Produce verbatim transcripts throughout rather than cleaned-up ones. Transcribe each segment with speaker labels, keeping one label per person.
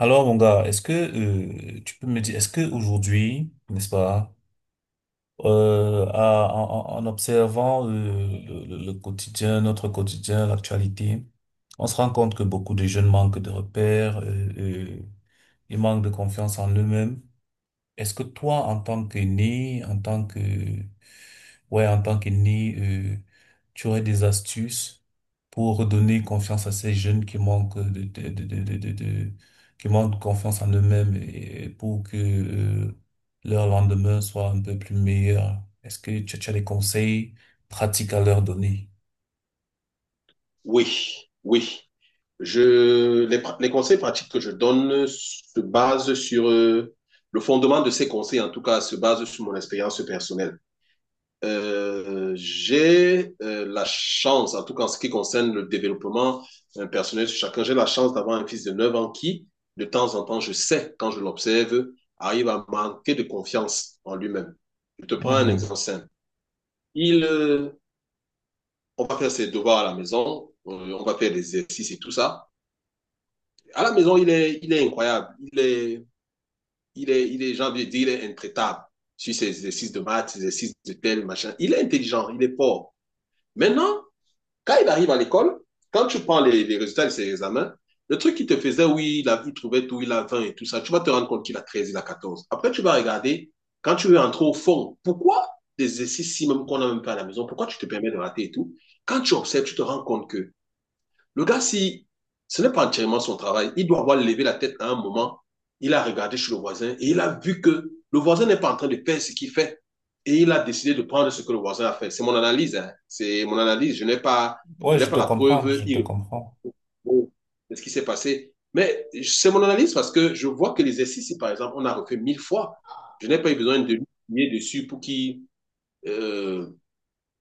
Speaker 1: Alors, mon gars, est-ce que euh, tu peux me dire, est-ce que aujourd'hui, n'est-ce pas, euh, à- en, en- en observant euh, le, le- le quotidien, notre quotidien, l'actualité, on se rend compte que beaucoup de jeunes manquent de repères, euh, euh, ils manquent de confiance en eux-mêmes. Est-ce que toi, en tant que né, en tant que, ouais, en tant que né, euh, tu aurais des astuces pour redonner confiance à ces jeunes qui manquent de, de, de, de, de, de- de- qui manquent confiance en eux-mêmes et pour que, euh, leur lendemain soit un peu plus meilleur? Est-ce que tu, tu as des conseils pratique à leur donner.
Speaker 2: Oui, oui. Je, les, pra- les conseils pratiques que je donne se basent sur... euh, le fondement de ces conseils, en tout cas, se base sur mon expérience personnelle. Euh, j'ai euh, la chance, en tout cas en ce qui concerne le développement euh, personnel sur chacun, j'ai la chance d'avoir un fils de neuf ans qui, de temps en temps, je sais, quand je l'observe, arrive à manquer de confiance en lui-même. Je te prends un exemple
Speaker 1: Mhm.
Speaker 2: simple. Il, euh, on va faire ses devoirs à la maison, euh, on va faire des exercices et tout ça. À la maison, il est, il est incroyable. Il est, il est, il est, j'ai envie de dire, il est intraitable sur ses exercices de maths, ses exercices de tel, machin. Il est intelligent, il est fort. Maintenant, quand il arrive à l'école, quand tu prends les, les résultats de ses examens, le truc qu'il te faisait, oui, il, a, il trouvait tout, il a vingt et tout ça, tu vas te rendre compte qu'il a treize, il a quatorze. Après, tu vas regarder, quand tu veux entrer au fond, pourquoi des exercices si même qu'on n'a même pas à la maison, pourquoi tu te permets de rater et tout. Quand tu observes, tu te rends compte que le gars, si ce n'est pas entièrement son travail, il doit avoir levé la tête à un moment, il a regardé chez le voisin et il a vu que le voisin n'est pas en train de faire ce qu'il fait. Et il a décidé de prendre ce que le voisin a fait. C'est mon analyse, hein. C'est mon analyse. Je n'ai pas,
Speaker 1: Ouais,
Speaker 2: je n'ai
Speaker 1: je
Speaker 2: pas
Speaker 1: te
Speaker 2: la
Speaker 1: comprends,
Speaker 2: preuve
Speaker 1: je te
Speaker 2: irréfutable
Speaker 1: comprends.
Speaker 2: de ce qui s'est passé. Mais c'est mon analyse parce que je vois que l'exercice, si par exemple, on a refait mille fois, je n'ai pas eu besoin de lui appuyer dessus pour qu'il euh,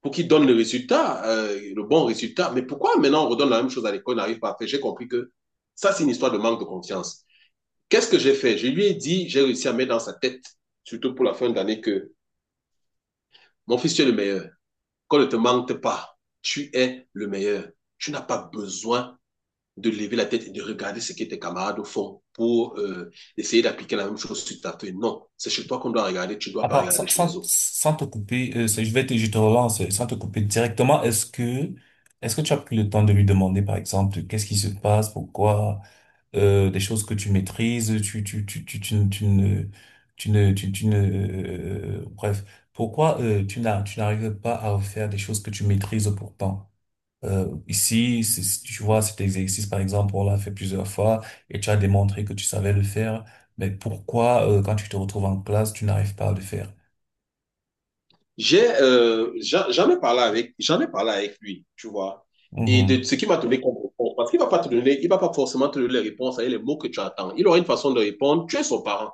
Speaker 2: pour qu'il donne le résultat, euh, le bon résultat. Mais pourquoi maintenant on redonne la même chose à l'école, on n'arrive pas à faire. J'ai compris que ça, c'est une histoire de manque de confiance. Qu'est-ce que j'ai fait? Je lui ai dit, j'ai réussi à mettre dans sa tête, surtout pour la fin d'année, que mon fils, tu es le meilleur. Qu'on ne te manque pas, tu es le meilleur. Tu n'as pas besoin de lever la tête et de regarder ce que tes camarades font pour euh, essayer d'appliquer la même chose sur ta feuille. Non, c'est chez toi qu'on doit regarder, tu ne dois pas
Speaker 1: Attends, sans,
Speaker 2: regarder chez les
Speaker 1: sans,
Speaker 2: autres.
Speaker 1: sans te couper, euh, c'est- je vais te, je te relance, euh, sans te couper directement, est-ce que, est-ce que tu as pris le temps de lui demander, par exemple, qu'est-ce qui se passe, pourquoi, euh, des choses que tu maîtrises, tu, tu, tu, tu, tu, ne, tu ne, tu ne, tu- tu ne, euh, bref, pourquoi, euh, tu n'as, tu n'arrives pas à faire des choses que tu maîtrises pourtant? Euh, ici, c'est- tu vois, cet exercice, par exemple, on l'a fait plusieurs fois et tu as démontré que tu savais le faire, mais pourquoi, euh, quand tu te retrouves en classe, tu n'arrives pas à le faire?
Speaker 2: J'ai euh, j'en j'en ai parlé avec j'en ai parlé avec lui, tu vois. Et de
Speaker 1: Mhm,
Speaker 2: ce qu'il m'a donné comme réponse, parce qu'il va pas te donner, il va pas forcément te donner les réponses avec les mots que tu attends. Il aura une façon de répondre. Tu es son parent.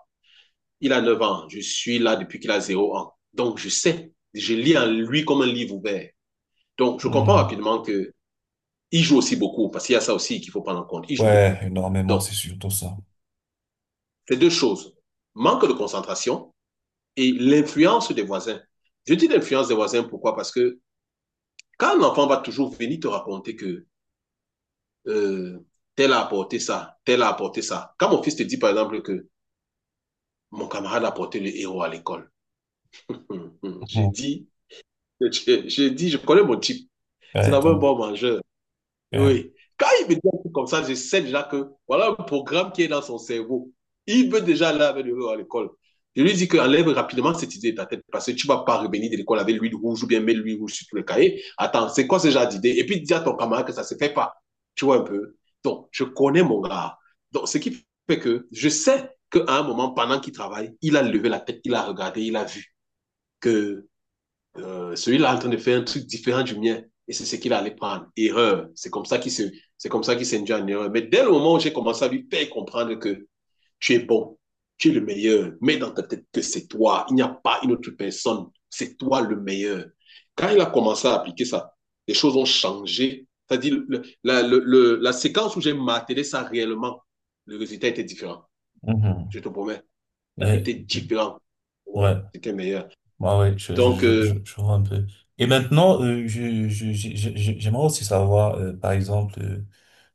Speaker 2: Il a neuf ans. Je suis là depuis qu'il a zéro ans. Donc je sais. Je lis en lui comme un livre ouvert. Donc je comprends
Speaker 1: mhm.
Speaker 2: rapidement que il joue aussi beaucoup parce qu'il y a ça aussi qu'il faut prendre en compte. Il joue
Speaker 1: Ouais,
Speaker 2: beaucoup.
Speaker 1: énormément,
Speaker 2: Donc
Speaker 1: c'est surtout ça.
Speaker 2: c'est deux choses. Manque de concentration et l'influence des voisins. Je dis l'influence des voisins pourquoi? Parce que quand un enfant va toujours venir te raconter que euh, tel a apporté ça, tel a apporté ça. Quand mon fils te dit par exemple que mon camarade a apporté le héros à l'école, hum, hum, hum, j'ai
Speaker 1: Mhm.
Speaker 2: dit, je, dis, je, je, dis, je connais mon type. C'est
Speaker 1: Ouais,
Speaker 2: d'abord un
Speaker 1: donc,
Speaker 2: bon mangeur.
Speaker 1: ouais,
Speaker 2: Oui. Quand il me dit un truc comme ça, je sais déjà que voilà un programme qui est dans son cerveau. Il veut déjà aller avec lui à l'école. Je lui dis qu'enlève rapidement cette idée de ta tête parce que tu ne vas pas revenir de l'école avec l'huile rouge ou bien mettre l'huile rouge sur tout le cahier. Attends, c'est quoi ce genre d'idée? Et puis dis à ton camarade que ça ne se fait pas. Tu vois un peu? Donc, je connais mon gars. Donc, ce qui fait que je sais qu'à un moment, pendant qu'il travaille, il a levé la tête, il a regardé, il a vu que euh, celui-là est en train de faire un truc différent du mien. Et c'est ce qu'il allait prendre. Erreur. C'est comme ça qu'il se, c'est comme ça qu'il s'est induit en erreur. Mais dès le moment où j'ai commencé à lui faire comprendre que tu es bon, tu es le meilleur, mets dans ta tête que c'est toi. Il n'y a pas une autre personne. C'est toi le meilleur. Quand il a commencé à appliquer ça, les choses ont changé. C'est-à-dire, le, la, le, le, la séquence où j'ai martelé ça réellement, le résultat était différent.
Speaker 1: mhm.
Speaker 2: Je te promets, ça
Speaker 1: Ouais,
Speaker 2: était différent. Ouais,
Speaker 1: ouais,
Speaker 2: c'était meilleur.
Speaker 1: ouais, ouais, je, je,
Speaker 2: Donc,
Speaker 1: je,
Speaker 2: euh,
Speaker 1: je, je vois un peu. Et maintenant, euh, je, je, je- je- je- j'aimerais aussi savoir, euh, par exemple, euh,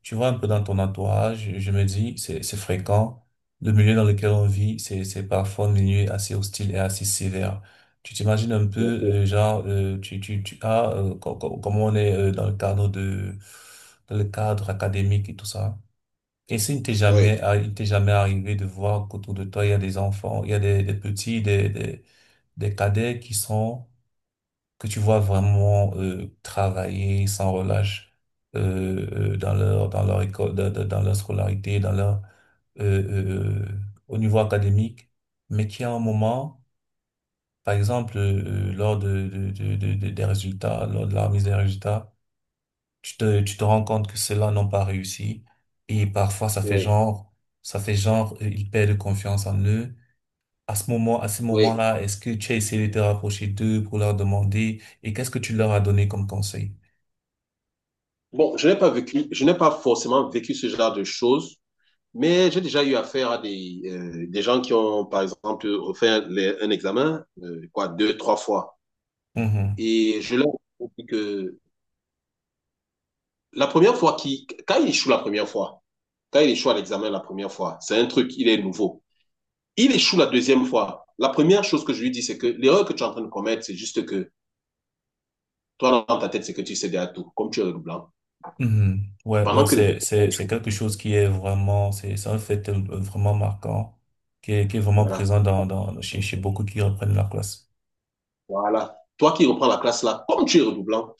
Speaker 1: tu vois un peu dans ton entourage, je, me dis, c'est, c'est fréquent, le milieu dans lequel on vit, c'est, c'est parfois un milieu assez hostile et assez sévère. Tu t'imagines un peu, euh, genre, euh, tu, tu, tu, as, euh, co- co- comment on est euh, dans le cadre de, dans le cadre académique et tout ça. Et s'il ne t'est jamais,
Speaker 2: ouais,
Speaker 1: arri- il t'est jamais arrivé de voir qu'autour de toi, il y a des enfants, il y a des, des petits, des, des, des cadets qui sont, que tu vois vraiment euh, travailler sans relâche euh, euh, dans leur, dans leur école, dans, dans dans leur scolarité, dans leur, euh, euh, euh, au niveau académique, mais qui à un moment, par exemple, euh, euh, lors de, de, de, de- de- des résultats, lors de la remise des résultats, tu te, tu te rends compte que ceux-là n'ont pas réussi. Et parfois, ça fait
Speaker 2: ouais.
Speaker 1: genre, ça fait genre, euh, ils perdent confiance en eux. À ce moment, à ce
Speaker 2: Oui.
Speaker 1: moment-là, est-ce que tu as essayé de te rapprocher d'eux pour leur demander et qu'est-ce que tu leur as donné comme conseil?
Speaker 2: Bon, je n'ai pas vécu, je n'ai pas forcément vécu ce genre de choses, mais j'ai déjà eu affaire à des, euh, des gens qui ont, par exemple, refait les- un examen, euh, quoi, deux, trois fois.
Speaker 1: Mhm.
Speaker 2: Et je leur ai dit que la première fois qui, quand il échoue la première fois, quand il échoue à l'examen la première fois, c'est un truc, il est nouveau. Il échoue la deuxième fois. La première chose que je lui dis, c'est que l'erreur que tu es en train de commettre, c'est juste que toi, dans ta tête, c'est que tu sais déjà tout, comme tu es le blanc.
Speaker 1: Mhm. Ouais, ouais,
Speaker 2: Pendant que les
Speaker 1: c'est, c'est, c'est
Speaker 2: autres,
Speaker 1: quelque chose qui est vraiment, c'est, c'est un fait euh, vraiment marquant, qui est, qui est vraiment
Speaker 2: voilà.
Speaker 1: présent dans, dans, chez, chez beaucoup qui reprennent la classe.
Speaker 2: Voilà. Toi qui reprends la classe là, comme tu es redoublant,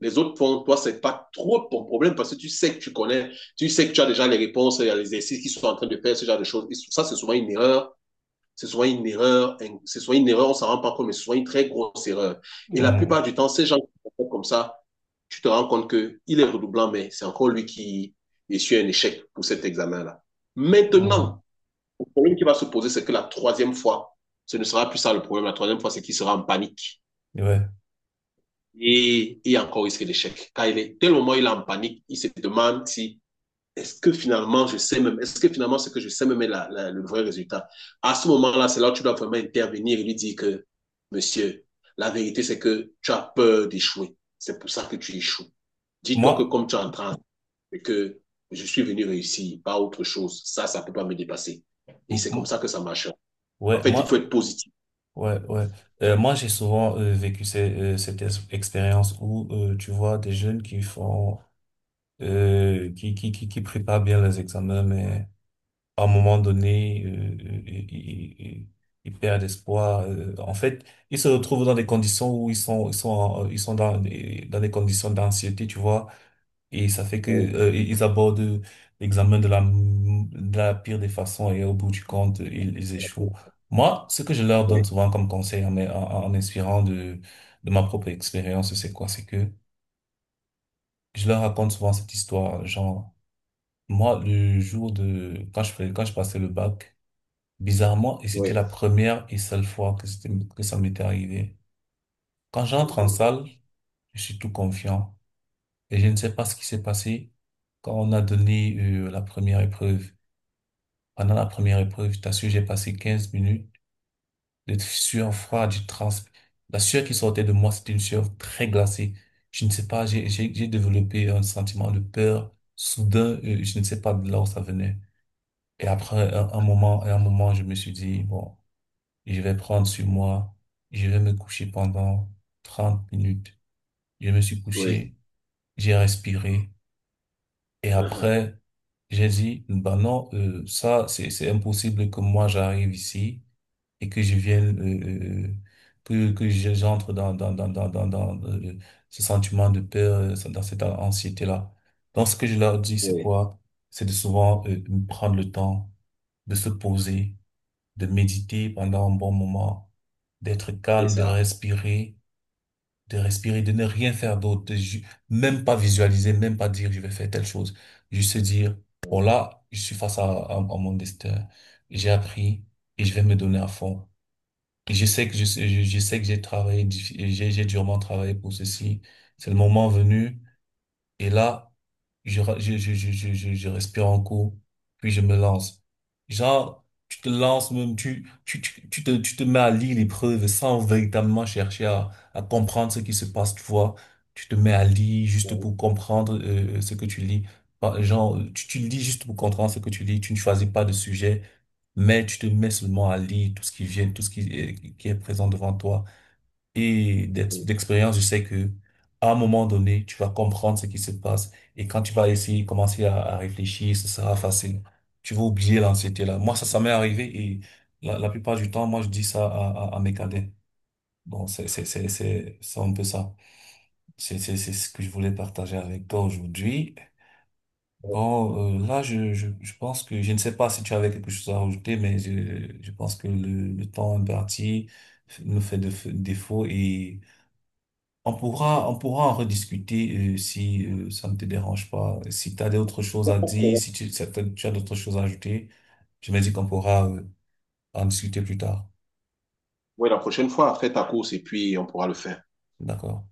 Speaker 2: les autres font, toi, c'est pas trop ton problème parce que tu sais que tu connais, tu sais que tu as déjà les réponses, il y a les exercices qui sont en train de faire, ce genre de choses. Et ça, c'est souvent une erreur. C'est souvent une erreur, hein, c'est souvent une erreur, on s'en rend pas compte, mais c'est souvent une très grosse erreur. Et la plupart
Speaker 1: Mhm.
Speaker 2: du temps, ces gens qui font comme ça, tu te rends compte que il est redoublant, mais c'est encore lui qui essuie un échec pour cet examen-là.
Speaker 1: Mhm.
Speaker 2: Maintenant, le problème qui va se poser, c'est que la troisième fois, ce ne sera plus ça le problème. La troisième fois, c'est qu'il sera en panique.
Speaker 1: Ouais.
Speaker 2: Et il y a encore risque d'échec. Car il est, tel moment, où il est en panique, il se demande si, est-ce que finalement, je sais même, est-ce que finalement, ce que je sais même est la, la, le vrai résultat? À ce moment-là, c'est là où tu dois vraiment intervenir et lui dire que, monsieur, la vérité, c'est que tu as peur d'échouer. C'est pour ça que tu échoues. Dis-toi
Speaker 1: Moi,
Speaker 2: que comme tu es en train, et que je suis venu réussir, pas autre chose. Ça, ça ne peut pas me dépasser. Et
Speaker 1: m-
Speaker 2: c'est comme
Speaker 1: m-
Speaker 2: ça que ça marche. En
Speaker 1: ouais,
Speaker 2: fait, il faut
Speaker 1: moi,
Speaker 2: être positif.
Speaker 1: ouais, ouais. Euh, moi, j'ai souvent euh, vécu ces- euh, cette ex- expérience où, euh, tu vois, des jeunes qui font, euh, qui, qui, qui, qui préparent bien les examens, mais à un moment donné, euh, ils, ils- ils- ils perdent espoir. euh, en fait, ils se retrouvent dans des conditions où ils sont, ils sont, en- euh, ils sont dans, des- dans des conditions d'anxiété, tu vois. Et ça fait que,
Speaker 2: Oui,
Speaker 1: euh, ils abordent l'examen de la, m- de la pire des façons et au bout du compte, ils, ils échouent. Moi, ce que je leur donne souvent comme conseil en, en, en inspirant de, de ma propre expérience, c'est quoi? C'est que je leur raconte souvent cette histoire. Genre, moi, le jour de, quand je fais, quand je passais le bac. Bizarrement, et c'était
Speaker 2: oui.
Speaker 1: la première et seule fois que c'était, que ça m'était arrivé. Quand j'entre en
Speaker 2: Mhm.
Speaker 1: salle, je suis tout confiant et je ne sais pas ce qui s'est passé quand on a donné euh, la première épreuve. Pendant la première épreuve, je t'assure, j'ai passé quinze minutes de sueur froide, du trans. La sueur qui sortait de moi, c'était une sueur très glacée. Je ne sais pas, j'ai, j'ai, j'ai développé un sentiment de peur soudain, euh, je ne sais pas de là où ça venait. Et après un, un moment, à un moment, je me suis dit, bon, je vais prendre sur moi. Je vais me coucher pendant trente minutes. Je me suis
Speaker 2: Oui,
Speaker 1: couché, j'ai respiré. Et
Speaker 2: mhm,
Speaker 1: après, j'ai dit, bah non, euh, ça, c'est, c'est impossible que moi j'arrive ici et que je vienne, euh, euh, que, que je- j'entre dans, dans, dans, dans, dans, dans euh, ce sentiment de peur, euh, dans cette anxiété-là. Donc, ce que je leur dis, c'est
Speaker 2: oui,
Speaker 1: quoi? C'est de souvent, euh, prendre le temps de se poser de méditer pendant un bon moment, d'être
Speaker 2: c'est
Speaker 1: calme, de
Speaker 2: ça.
Speaker 1: respirer, de respirer, de ne rien faire d'autre, de ju- même pas visualiser, même pas dire je vais faire telle chose, juste se dire, bon là, je suis face à, à- à mon destin, j'ai appris et je vais me donner à fond. Et je sais que je, sais- je, je sais que j'ai travaillé, diffi- j'ai j'ai durement travaillé pour ceci. C'est le moment venu. Et là, je, ra- je, je, je, je, je, je respire un coup, puis je me lance. Genre, tu te lances même, tu, tu, tu, tu te, tu te mets à lire les preuves sans véritablement chercher à, à comprendre ce qui se passe, tu vois. Tu te mets à lire juste pour comprendre euh, euh, ce que tu lis. Par- Genre, tu, tu lis juste pour comprendre ce que tu lis. Tu ne choisis pas de sujet, mais tu te mets seulement à lire tout ce qui vient, tout ce qui est, qui est présent devant toi. Et d'ex- d'expérience, je sais que à un moment donné, tu vas comprendre ce qui se passe. Et quand tu vas essayer, commencer à, à réfléchir, ce sera facile. Tu vas oublier l'anxiété-là. Moi, ça, ça m'est arrivé et la, la plupart du temps, moi, je dis ça à, à, à mes cadets. Donc, c'est, c'est, c'est, c'est, c'est un peu ça. C'est, c'est, c'est ce que je voulais partager avec toi aujourd'hui. Bon, euh, là, je, je, je pense que, je ne sais pas si tu avais quelque chose à rajouter, mais je, je pense que le, le temps imparti nous fait de, défaut et on pourra, on pourra en rediscuter euh, si euh, ça ne te dérange pas. Si tu as d'autres choses à dire, si tu, si t'as- tu as d'autres choses à ajouter, je me dis qu'on pourra euh, en discuter plus tard.
Speaker 2: Oui, la prochaine fois, fais ta course et puis on pourra le faire.
Speaker 1: D'accord?